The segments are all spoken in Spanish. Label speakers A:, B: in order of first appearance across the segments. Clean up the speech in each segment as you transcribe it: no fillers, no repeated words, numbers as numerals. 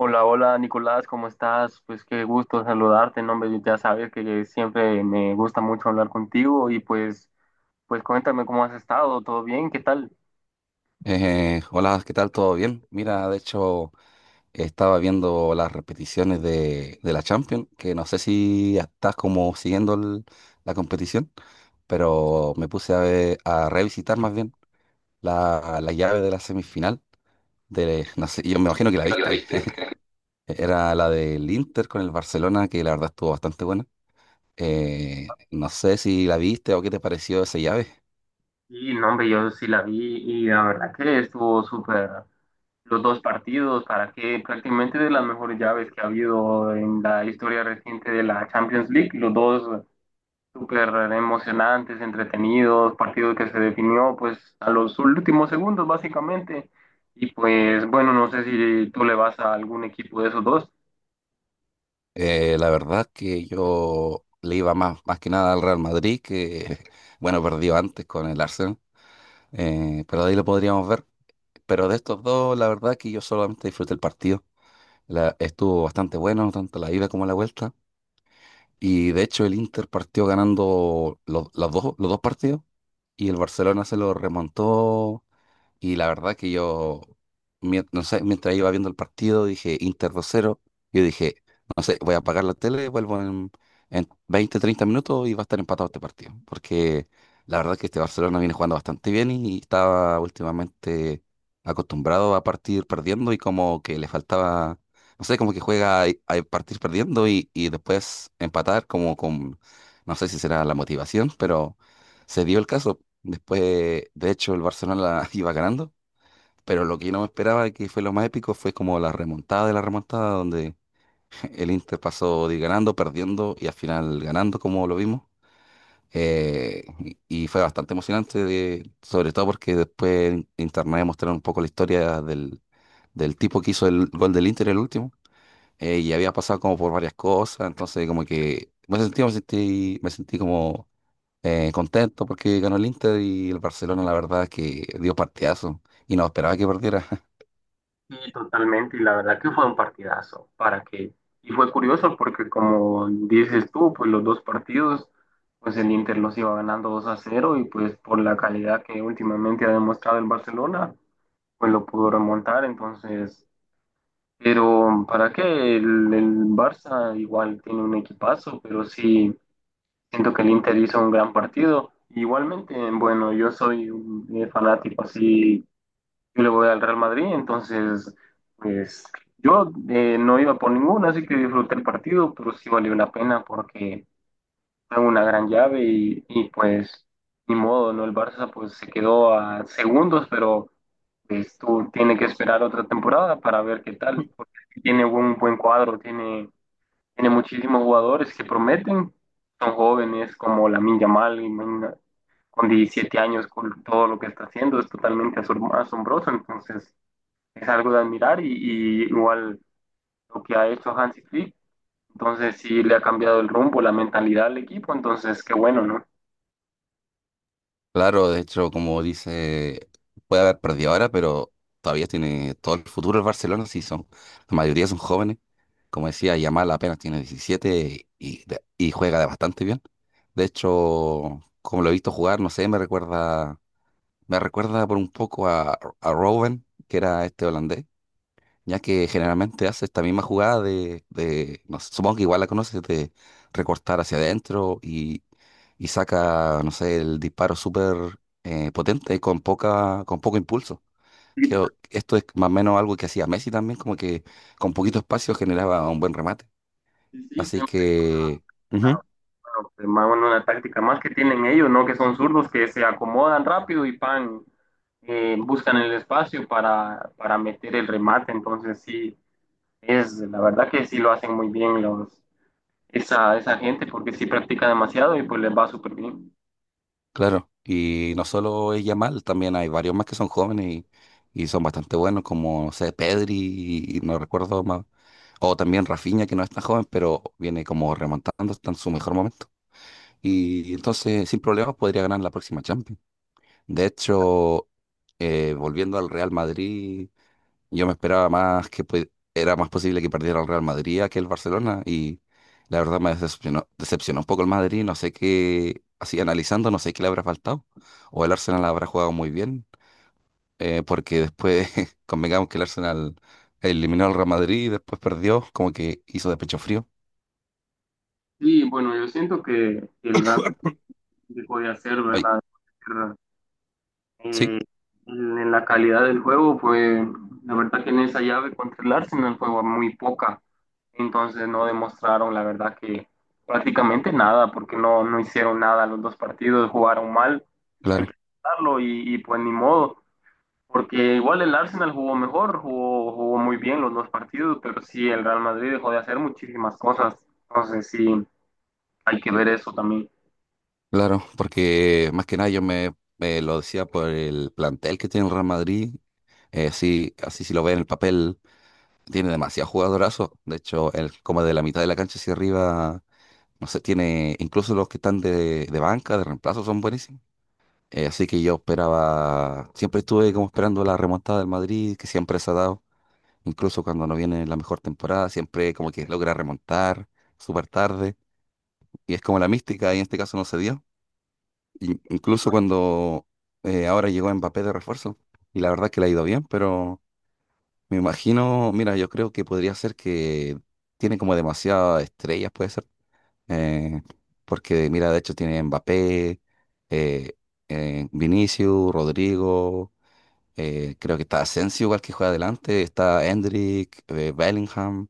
A: Hola, hola Nicolás, ¿cómo estás? Pues qué gusto saludarte, ¿no, hombre? Ya sabes que siempre me gusta mucho hablar contigo y pues cuéntame cómo has estado, ¿todo bien? ¿Qué tal?
B: Hola, ¿qué tal? ¿Todo bien? Mira, de hecho, estaba viendo las repeticiones de la Champions, que no sé si estás como siguiendo la competición, pero me puse a, a revisitar más bien la llave de la semifinal. De, no sé, yo me
A: Sí,
B: imagino que la
A: imagino que la
B: viste.
A: viste.
B: Era la del Inter con el Barcelona, que la verdad estuvo bastante buena. No sé si la viste o qué te pareció esa llave.
A: Y no, hombre, yo sí la vi y la verdad que estuvo súper los dos partidos, para que prácticamente de las mejores llaves que ha habido en la historia reciente de la Champions League, los dos súper emocionantes, entretenidos, partido que se definió pues a los últimos segundos básicamente. Y pues bueno, no sé si tú le vas a algún equipo de esos dos.
B: La verdad que yo le iba más, más que nada al Real Madrid, que bueno, perdió antes con el Arsenal, pero de ahí lo podríamos ver. Pero de estos dos, la verdad que yo solamente disfruté el partido. Estuvo bastante bueno, tanto la ida como la vuelta. Y de hecho el Inter partió ganando los dos partidos y el Barcelona se lo remontó, y la verdad que yo, no sé, mientras iba viendo el partido, dije Inter dos cero. Yo dije, no sé, voy a apagar la tele, vuelvo en 20, 30 minutos y va a estar empatado este partido. Porque la verdad que este Barcelona viene jugando bastante bien y estaba últimamente acostumbrado a partir perdiendo y como que le faltaba, no sé, como que juega a partir perdiendo y después empatar como con, no sé si será la motivación, pero se dio el caso. Después, de hecho, el Barcelona la iba ganando, pero lo que yo no me esperaba, que fue lo más épico, fue como la remontada de la remontada, donde el Inter pasó de ir ganando, perdiendo y al final ganando, como lo vimos. Y y fue bastante emocionante, sobre todo porque después en internet mostraron un poco la historia del, del tipo que hizo el gol del Inter, el último, y había pasado como por varias cosas, entonces como que me sentí como contento porque ganó el Inter, y el Barcelona, la verdad, es que dio partidazo y no esperaba que perdiera.
A: Y totalmente, y la verdad que fue un partidazo. ¿Para que Y fue curioso porque como dices tú, pues los dos partidos, pues el Inter los iba ganando 2-0 y pues por la calidad que últimamente ha demostrado el Barcelona, pues lo pudo remontar. Entonces, pero ¿para qué? El Barça igual tiene un equipazo, pero sí siento que el Inter hizo un gran partido. Igualmente, bueno, yo soy un fanático así, yo le voy al Real Madrid, entonces, pues yo no iba por ninguno, así que disfruté el partido, pero sí valió la pena porque fue una gran llave pues ni modo, ¿no? El Barça pues se quedó a segundos, pero pues tú tienes que esperar otra temporada para ver qué tal, porque tiene un buen cuadro, tiene, tiene muchísimos jugadores que prometen, son jóvenes como Lamine Yamal, con 17 años, con todo lo que está haciendo, es totalmente asombroso, entonces es algo de admirar y igual lo que ha hecho Hansi Flick, entonces sí le ha cambiado el rumbo, la mentalidad al equipo, entonces qué bueno, ¿no?
B: Claro, de hecho, como dice, puede haber perdido ahora, pero todavía tiene todo el futuro el Barcelona, sí son, la mayoría son jóvenes. Como decía, Yamal apenas tiene 17 y, y juega de bastante bien. De hecho, como lo he visto jugar, no sé, me recuerda por un poco a Robben, que era este holandés, ya que generalmente hace esta misma jugada de no sé, supongo que igual la conoces, de recortar hacia adentro y saca, no sé, el disparo súper potente con poca, con poco impulso.
A: Sí,
B: Que esto es más o menos algo que hacía Messi también, como que con poquito espacio generaba un buen remate.
A: sí,
B: Así
A: siempre.
B: que,
A: Ah,
B: ujú,
A: bueno, pues, más bueno, una táctica más que tienen ellos, ¿no? Que son zurdos que se acomodan rápido y pan, buscan el espacio para meter el remate. Entonces, sí, es la verdad que sí lo hacen muy bien los, esa gente porque sí practica demasiado y pues les va súper bien.
B: claro, y no solo es Yamal, también hay varios más que son jóvenes y son bastante buenos, como, no sé, Pedri, y no recuerdo más. O también Rafinha, que no es tan joven, pero viene como remontando, está en su mejor momento. Y entonces, sin problemas, podría ganar la próxima Champions. De hecho, volviendo al Real Madrid, yo me esperaba más que era más posible que perdiera el Real Madrid a que el Barcelona. Y la verdad me decepcionó un poco el Madrid. No sé qué, así analizando, no sé qué le habrá faltado. O el Arsenal habrá jugado muy bien, porque después convengamos que el Arsenal eliminó al Real Madrid y después perdió, como que hizo de pecho frío.
A: Sí, bueno, yo siento que el Real Madrid puede hacer,
B: Ay,
A: ¿verdad?
B: sí,
A: Eh, en la calidad del juego, pues la verdad que en esa llave contra el Arsenal fue muy poca. Entonces no demostraron, la verdad que prácticamente nada, porque no, no hicieron nada los dos partidos, jugaron mal, hay que
B: claro,
A: aceptarlo y pues ni modo, porque igual el Arsenal jugó mejor, jugó muy bien los dos partidos, pero sí el Real Madrid dejó de hacer muchísimas cosas. Entonces sí, hay que ver eso también.
B: claro, porque más que nada yo me lo decía por el plantel que tiene el Real Madrid. Sí, así si lo ve en el papel, tiene demasiados jugadorazos. De hecho, el, como de la mitad de la cancha hacia arriba, no sé, tiene, incluso los que están de banca, de reemplazo, son buenísimos. Así que yo esperaba, siempre estuve como esperando la remontada del Madrid, que siempre se ha dado. Incluso cuando no viene la mejor temporada, siempre como que logra remontar súper tarde. Y es como la mística, y en este caso no se dio. Incluso cuando ahora llegó Mbappé de refuerzo. Y la verdad que le ha ido bien, pero me imagino, mira, yo creo que podría ser que tiene como demasiadas estrellas, puede ser. eh, Porque, mira, de hecho tiene Mbappé, eh, Vinicius, Rodrigo, creo que está Asensio igual que juega adelante, está Endrick, Bellingham.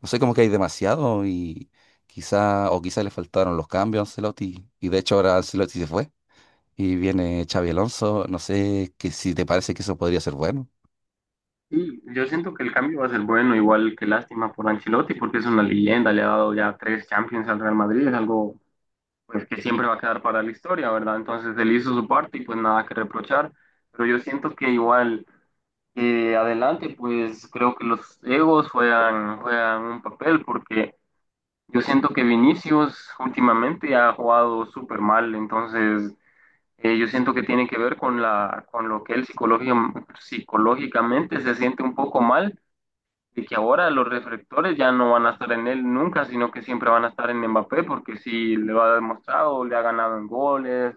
B: No sé, como que hay demasiado, y quizá, o quizá le faltaron los cambios a Ancelotti. Y de hecho ahora Ancelotti se fue y viene Xavi Alonso. No sé que si te parece que eso podría ser bueno.
A: Y yo siento que el cambio va a ser bueno, igual que lástima por Ancelotti, porque es una leyenda, le ha dado ya tres Champions al Real Madrid, es algo, pues, que siempre va a quedar para la historia, ¿verdad? Entonces él hizo su parte y pues nada que reprochar, pero yo siento que igual adelante, pues creo que los egos juegan, juegan un papel, porque yo siento que Vinicius últimamente ha jugado súper mal, entonces yo siento que tiene que ver con lo que él psicológicamente se siente un poco mal de que ahora los reflectores ya no van a estar en él nunca, sino que siempre van a estar en Mbappé, porque sí lo ha demostrado, le ha ganado en goles,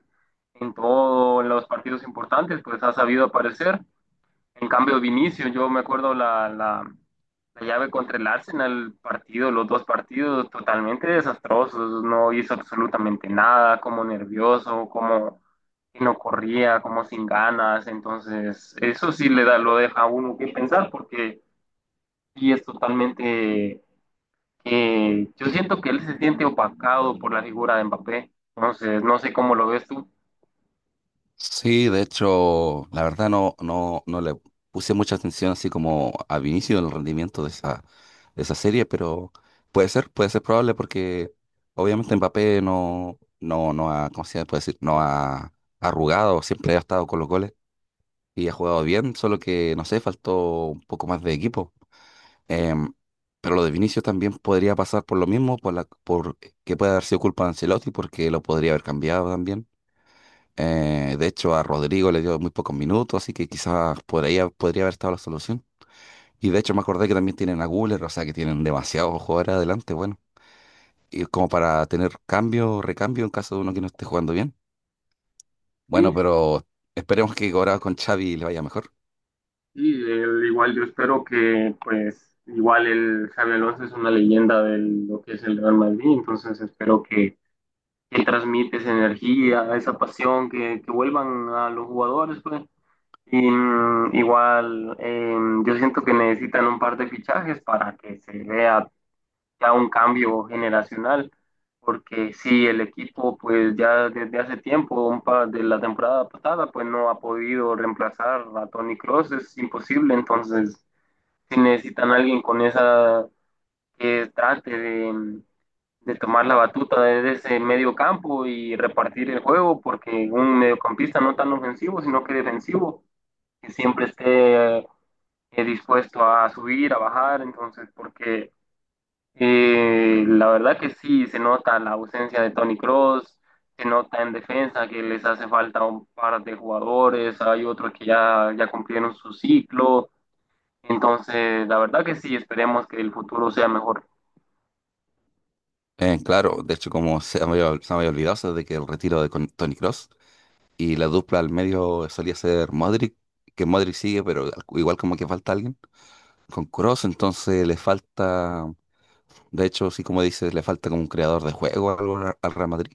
A: en todo, en los partidos importantes, pues ha sabido aparecer. En cambio, Vinicius, yo me acuerdo la llave contra el Arsenal, partido, los dos partidos totalmente desastrosos, no hizo absolutamente nada, como nervioso, como que no corría, como sin ganas, entonces eso sí le da, lo deja a uno que pensar, porque y es totalmente, yo siento que él se siente opacado por la figura de Mbappé. Entonces, no sé cómo lo ves tú.
B: Sí, de hecho, la verdad no le puse mucha atención así como al inicio del rendimiento de esa serie, pero puede ser probable porque obviamente Mbappé no ha, ¿cómo se puede decir? No ha arrugado, siempre ha estado con los goles y ha jugado bien, solo que, no sé, faltó un poco más de equipo. Em, pero lo de Vinicius también podría pasar por lo mismo, por la, por que puede haber sido culpa de Ancelotti porque lo podría haber cambiado también. De hecho, a Rodrigo le dio muy pocos minutos, así que quizás por ahí podría haber estado la solución. Y de hecho me acordé que también tienen a Guller, o sea que tienen demasiados jugadores adelante, bueno. Y como para tener cambio, recambio en caso de uno que no esté jugando bien. Bueno,
A: Sí,
B: pero esperemos que ahora con Xavi le vaya mejor.
A: sí, igual yo espero que, pues, igual el Xabi Alonso es una leyenda de lo que es el Real Madrid, entonces espero que transmite esa energía, esa pasión, que vuelvan a los jugadores, pues. Y, igual, yo siento que necesitan un par de fichajes para que se vea ya un cambio generacional, porque si el equipo pues ya desde hace tiempo, un par de la temporada pasada, pues no ha podido reemplazar a Toni Kroos es imposible, entonces si necesitan a alguien con esa, que trate de tomar la batuta desde ese medio campo y repartir el juego, porque un mediocampista no tan ofensivo, sino que defensivo, que siempre esté dispuesto a subir, a bajar, entonces porque la verdad que sí, se nota la ausencia de Tony Cross, se nota en defensa que les hace falta un par de jugadores, hay otros que ya cumplieron su ciclo, entonces la verdad que sí, esperemos que el futuro sea mejor.
B: Claro, de hecho como se me había olvidado, eso de que el retiro de Tony Cross y la dupla al medio solía ser Modric, que Modric sigue, pero igual como que falta alguien. Con Cross entonces le falta... De hecho, sí, como dices, le falta como un creador de juego o algo al Real Madrid,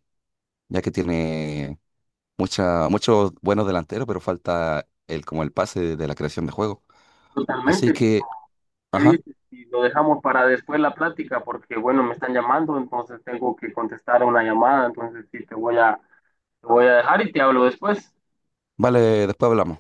B: ya que tiene mucha, muchos buenos delanteros, pero falta el, como el pase de la creación de juego. Así
A: Totalmente,
B: que,
A: ¿qué
B: ajá,
A: dices? Y lo dejamos para después la plática, porque bueno, me están llamando, entonces tengo que contestar a una llamada, entonces sí, te voy a dejar y te hablo después.
B: vale, después hablamos.